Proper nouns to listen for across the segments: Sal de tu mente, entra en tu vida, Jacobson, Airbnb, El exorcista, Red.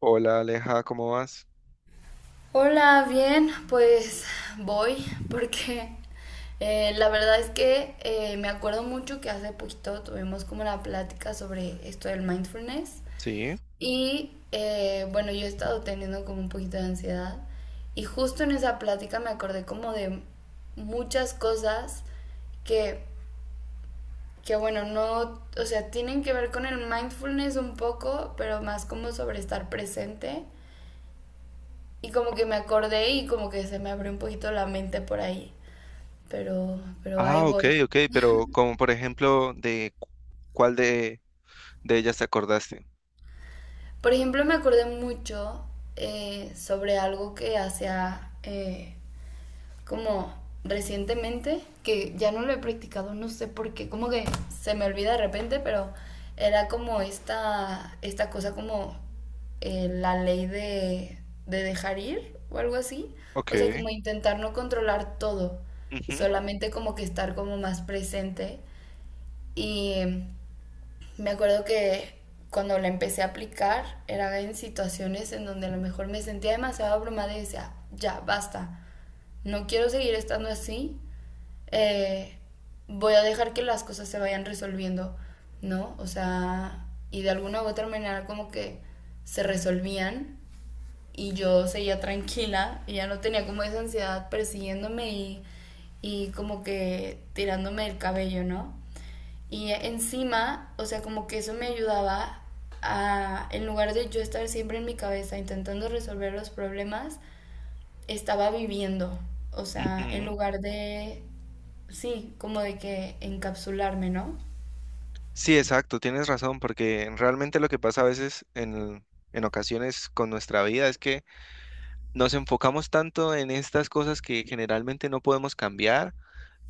Hola Aleja, ¿cómo vas? Hola, bien, pues voy porque la verdad es que me acuerdo mucho que hace poquito tuvimos como una plática sobre esto del mindfulness Sí. y bueno, yo he estado teniendo como un poquito de ansiedad y justo en esa plática me acordé como de muchas cosas que, que bueno, no, o sea, tienen que ver con el mindfulness un poco, pero más como sobre estar presente y como que me acordé y como que se me abrió un poquito la mente por ahí. Pero ahí Ah, ok, voy. ok, pero como por ejemplo, ¿cuál de ellas te acordaste? Por ejemplo, me acordé mucho sobre algo que hacía como recientemente, que ya no lo he practicado, no sé por qué, como que se me olvida de repente, pero era como esta cosa como la ley de dejar ir o algo así. O sea, Ok. como intentar no controlar todo, Ujú, solamente como que estar como más presente. Y me acuerdo que cuando la empecé a aplicar era en situaciones en donde a lo mejor me sentía demasiado abrumada y decía, ya, basta, no quiero seguir estando así, eh, voy a dejar que las cosas se vayan resolviendo, ¿no? O sea, y de alguna u otra manera como que se resolvían y yo seguía tranquila y ya no tenía como esa ansiedad persiguiéndome y como que tirándome el cabello, ¿no? Y encima, o sea, como que eso me ayudaba a, en lugar de yo estar siempre en mi cabeza intentando resolver los problemas, estaba viviendo. O sea, en ujú. lugar de, sí, como de que encapsularme, ¿no? Sí, exacto, tienes razón, porque realmente lo que pasa a veces en ocasiones con nuestra vida es que nos enfocamos tanto en estas cosas que generalmente no podemos cambiar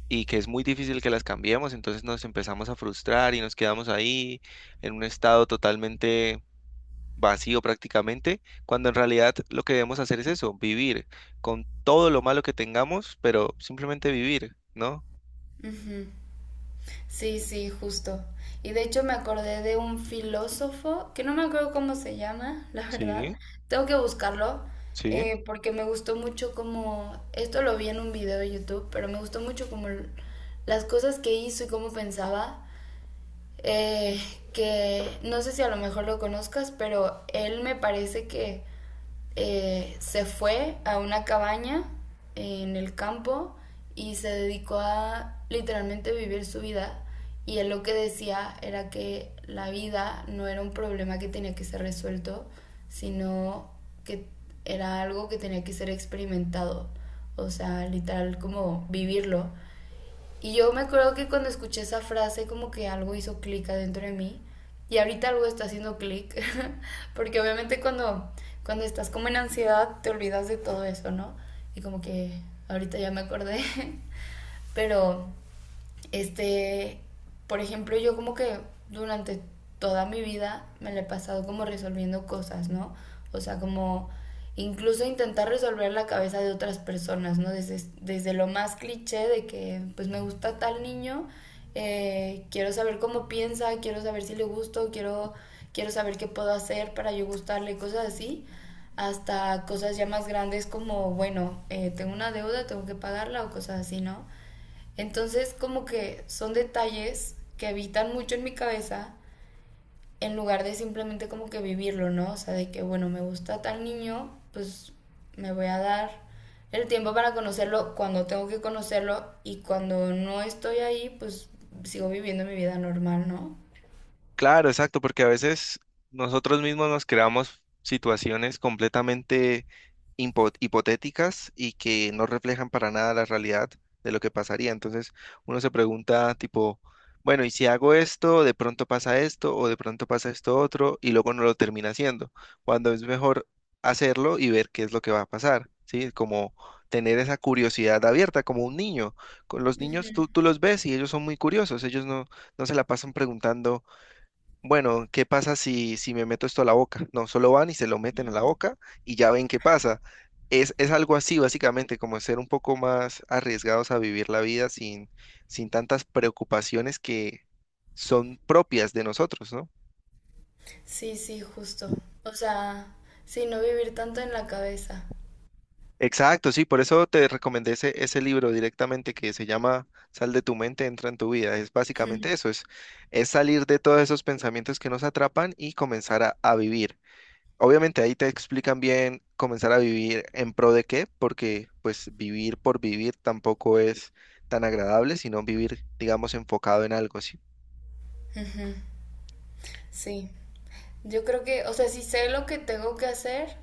y que es muy difícil que las cambiemos, entonces nos empezamos a frustrar y nos quedamos ahí en un estado totalmente vacío prácticamente, cuando en realidad lo que debemos hacer es eso, vivir con todo lo malo que tengamos, pero simplemente vivir, ¿no? Ujú. Sí, sí, justo. Y de hecho me acordé de un filósofo, que no me acuerdo cómo se llama, la verdad. Sí, Tengo que buscarlo, sí. Porque me gustó mucho como, esto lo vi en un video de YouTube, pero me gustó mucho como las cosas que hizo y cómo pensaba. Eh, que no sé si a lo mejor lo conozcas, pero él me parece que se fue a una cabaña en el campo y se dedicó a literalmente vivir su vida. Y él lo que decía era que la vida no era un problema que tenía que ser resuelto, sino que era algo que tenía que ser experimentado. O sea, literal como vivirlo. Y yo me acuerdo que cuando escuché esa frase como que algo hizo clic adentro de mí y ahorita algo está haciendo clic, porque obviamente cuando estás como en ansiedad te olvidas de todo eso, ¿no? Y como que ahorita ya me acordé, pero este, por ejemplo, yo como que durante toda mi vida me la he pasado como resolviendo cosas, ¿no? O sea, como incluso intentar resolver la cabeza de otras personas, ¿no? Desde lo más cliché de que, pues me gusta tal niño, quiero saber cómo piensa, quiero saber si le gusto, quiero saber qué puedo hacer para yo gustarle, cosas así, hasta cosas ya más grandes como, bueno, tengo una deuda, tengo que pagarla o cosas así, ¿no? Entonces, como que son detalles que habitan mucho en mi cabeza en lugar de simplemente como que vivirlo, ¿no? O sea, de que, bueno, me gusta tal niño, pues me voy a dar el tiempo para conocerlo cuando tengo que conocerlo y cuando no estoy ahí, pues sigo viviendo mi vida normal, ¿no? Claro, exacto, porque a veces nosotros mismos nos creamos situaciones completamente hipotéticas y que no reflejan para nada la realidad de lo que pasaría. Entonces uno se pregunta tipo, bueno, ¿y si hago esto, de pronto pasa esto o de pronto pasa esto otro y luego no lo termina haciendo? Cuando es mejor hacerlo y ver qué es lo que va a pasar, ¿sí? Como tener esa curiosidad abierta, como un niño. Con los niños tú los ves y ellos son muy curiosos, ellos no, no se la pasan preguntando. Bueno, ¿qué pasa si me meto esto a la boca? No, solo van y se lo meten a la boca y ya ven qué pasa. Es algo así, básicamente, como ser un poco más arriesgados a vivir la vida sin tantas preocupaciones que son propias de nosotros, ¿no? Sí, sí, justo. O sea, sí, no vivir tanto en la cabeza. Exacto, sí, por eso te recomendé ese libro directamente que se llama Sal de tu mente, entra en tu vida. Es básicamente eso, es salir de todos esos pensamientos que nos atrapan y comenzar a vivir. Obviamente ahí te explican bien comenzar a vivir en pro de qué, porque pues vivir por vivir tampoco es tan agradable, sino vivir, digamos, enfocado en algo, ¿sí? Ujú. Sí, yo creo que, o sea, si sé lo que tengo que hacer,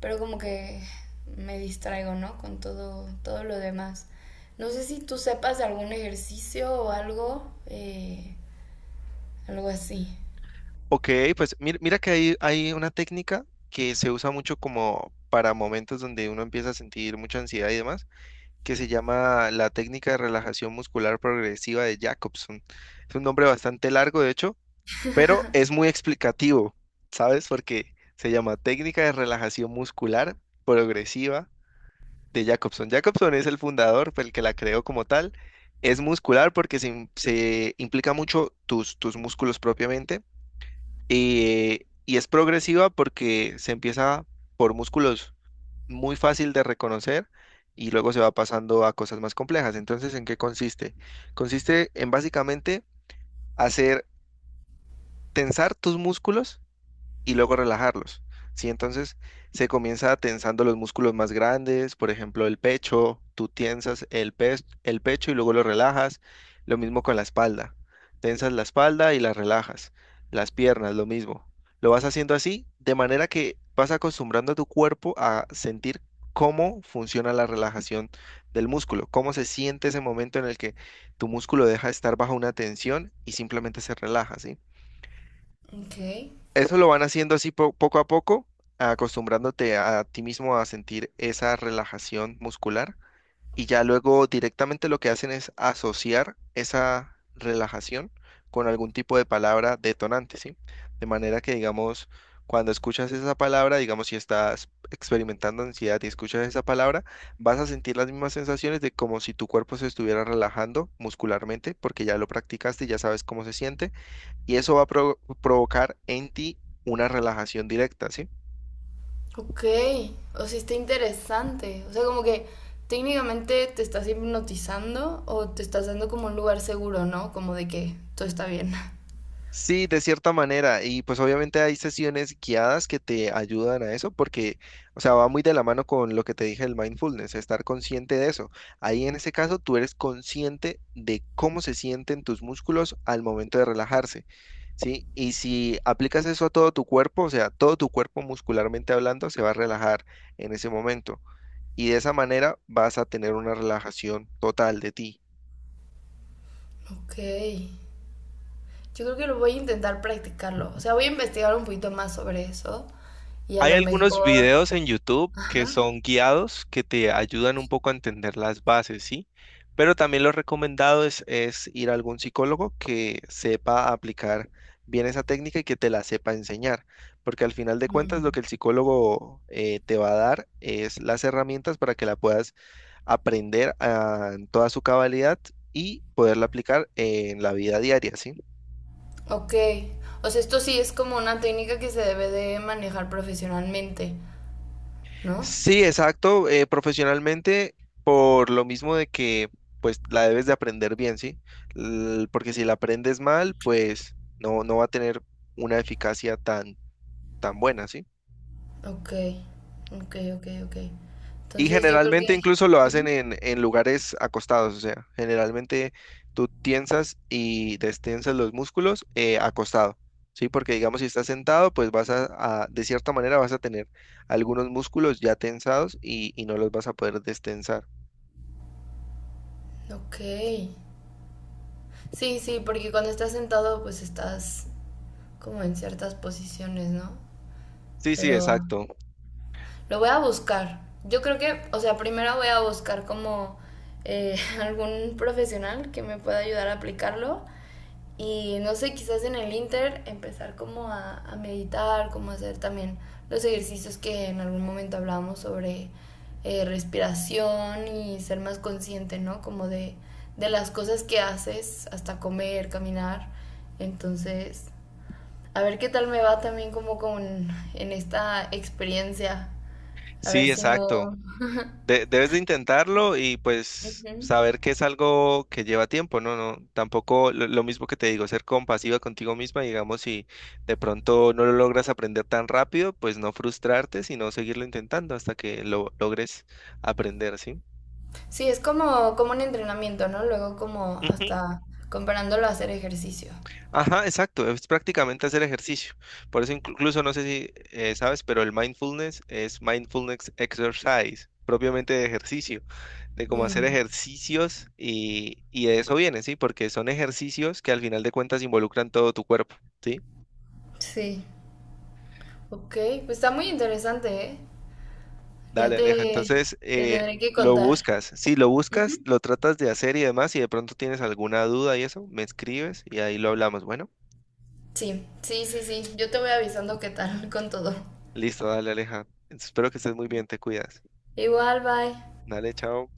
pero como que me distraigo, ¿no? Con todo, todo lo demás. No sé si tú sepas de algún ejercicio o algo, algo así. Ok, pues mira que hay una técnica que se usa mucho como para momentos donde uno empieza a sentir mucha ansiedad y demás, que se llama la técnica de relajación muscular progresiva de Jacobson. Es un nombre bastante largo, de hecho, pero es muy explicativo, ¿sabes? Porque se llama técnica de relajación muscular progresiva de Jacobson. Jacobson es el fundador, fue el que la creó como tal. Es muscular porque se implica mucho tus músculos propiamente y es progresiva porque se empieza por músculos muy fácil de reconocer y luego se va pasando a cosas más complejas. Entonces, ¿en qué consiste? Consiste en básicamente hacer tensar tus músculos y luego relajarlos. ¿Sí? Entonces se comienza tensando los músculos más grandes, por ejemplo, el pecho, tú tensas el pecho y luego lo relajas. Lo mismo con la espalda. Tensas la espalda y la relajas. Las piernas, lo mismo. Lo vas haciendo así, de manera que vas acostumbrando a tu cuerpo a sentir cómo funciona la relajación del músculo, cómo se siente ese momento en el que tu músculo deja de estar bajo una tensión y simplemente se relaja, ¿sí? Ok. Eso lo van haciendo así poco a poco, acostumbrándote a ti mismo a sentir esa relajación muscular y ya luego directamente lo que hacen es asociar esa relajación con algún tipo de palabra detonante, ¿sí? De manera que, digamos, cuando escuchas esa palabra, digamos, si estás experimentando ansiedad y escuchas esa palabra, vas a sentir las mismas sensaciones de como si tu cuerpo se estuviera relajando muscularmente porque ya lo practicaste, ya sabes cómo se siente y eso va a provocar en ti una relajación directa, ¿sí? Ok. O sea, está interesante. O sea, como que técnicamente te estás hipnotizando o te estás dando como un lugar seguro, ¿no? Como de que todo está bien. Sí, de cierta manera, y pues obviamente hay sesiones guiadas que te ayudan a eso, porque, o sea, va muy de la mano con lo que te dije del mindfulness, estar consciente de eso. Ahí en ese caso tú eres consciente de cómo se sienten tus músculos al momento de relajarse, ¿sí? Y si aplicas eso a todo tu cuerpo, o sea, todo tu cuerpo muscularmente hablando se va a relajar en ese momento, y de esa manera vas a tener una relajación total de ti. Ok. Yo creo que lo voy a intentar practicarlo. O sea, voy a investigar un poquito más sobre eso y a Hay lo algunos mejor... videos en YouTube que Ajá. son guiados que te ayudan un poco a entender las bases, ¿sí? Pero también lo recomendado es ir a algún psicólogo que sepa aplicar bien esa técnica y que te la sepa enseñar, porque al final de cuentas lo Mm. que el psicólogo te va a dar es las herramientas para que la puedas aprender en toda su cabalidad y poderla aplicar en la vida diaria, ¿sí? Ok, o sea, esto sí es como una técnica que se debe de manejar profesionalmente, ¿no? Sí, exacto, profesionalmente por lo mismo de que pues la debes de aprender bien, ¿sí? L- porque si la aprendes mal, pues no va a tener una eficacia tan buena, ¿sí? Ok, ok, ok, ok. Y Entonces yo creo generalmente que... incluso lo hacen Ujú. En lugares acostados, o sea, generalmente tú tiensas y destensas los músculos acostado, ¿sí? Porque digamos si estás sentado, pues vas de cierta manera vas a tener algunos músculos ya tensados y no los vas a poder destensar. Ok. Sí, sí, porque cuando estás sentado pues estás como en ciertas posiciones, ¿no? Sí, sí, Pero exacto. lo voy a buscar. Yo creo que, o sea, primero voy a buscar como eh, algún profesional que me pueda ayudar a aplicarlo. Y no sé, quizás en el Inter empezar como a meditar, como hacer también los ejercicios que en algún momento hablábamos sobre respiración y ser más consciente, ¿no? Como de las cosas que haces, hasta comer, caminar. Entonces, a ver qué tal me va también como con en esta experiencia. A ver Sí, si exacto. no. Debes de intentarlo y pues Ujú. saber que es algo que lleva tiempo, ¿no? No, tampoco lo mismo que te digo, ser compasiva contigo misma, digamos, si de pronto no lo logras aprender tan rápido, pues no frustrarte, sino seguirlo intentando hasta que lo logres aprender, ¿sí? Sí, es como, como un entrenamiento, ¿no? Luego como hasta comparándolo a hacer ejercicio. Ajá, exacto, es prácticamente hacer ejercicio. Por eso incluso no sé si sabes, pero el mindfulness es mindfulness exercise, propiamente de ejercicio, de cómo hacer Mm, ejercicios y de eso viene, ¿sí? Porque son ejercicios que al final de cuentas involucran todo tu cuerpo, ¿sí? sí, ok, pues está muy interesante, ¿eh? Ya Dale, Aleja, te, entonces te tendré que lo contar. buscas, sí, lo buscas, Ujú. lo tratas de hacer y demás, y de pronto tienes alguna duda y eso, me escribes y ahí lo hablamos. Bueno, Sí, sí, sí, sí, yo te voy avisando qué tal con todo. listo, dale, Aleja. Espero que estés muy bien, te cuidas. Igual, bye. Dale, chao.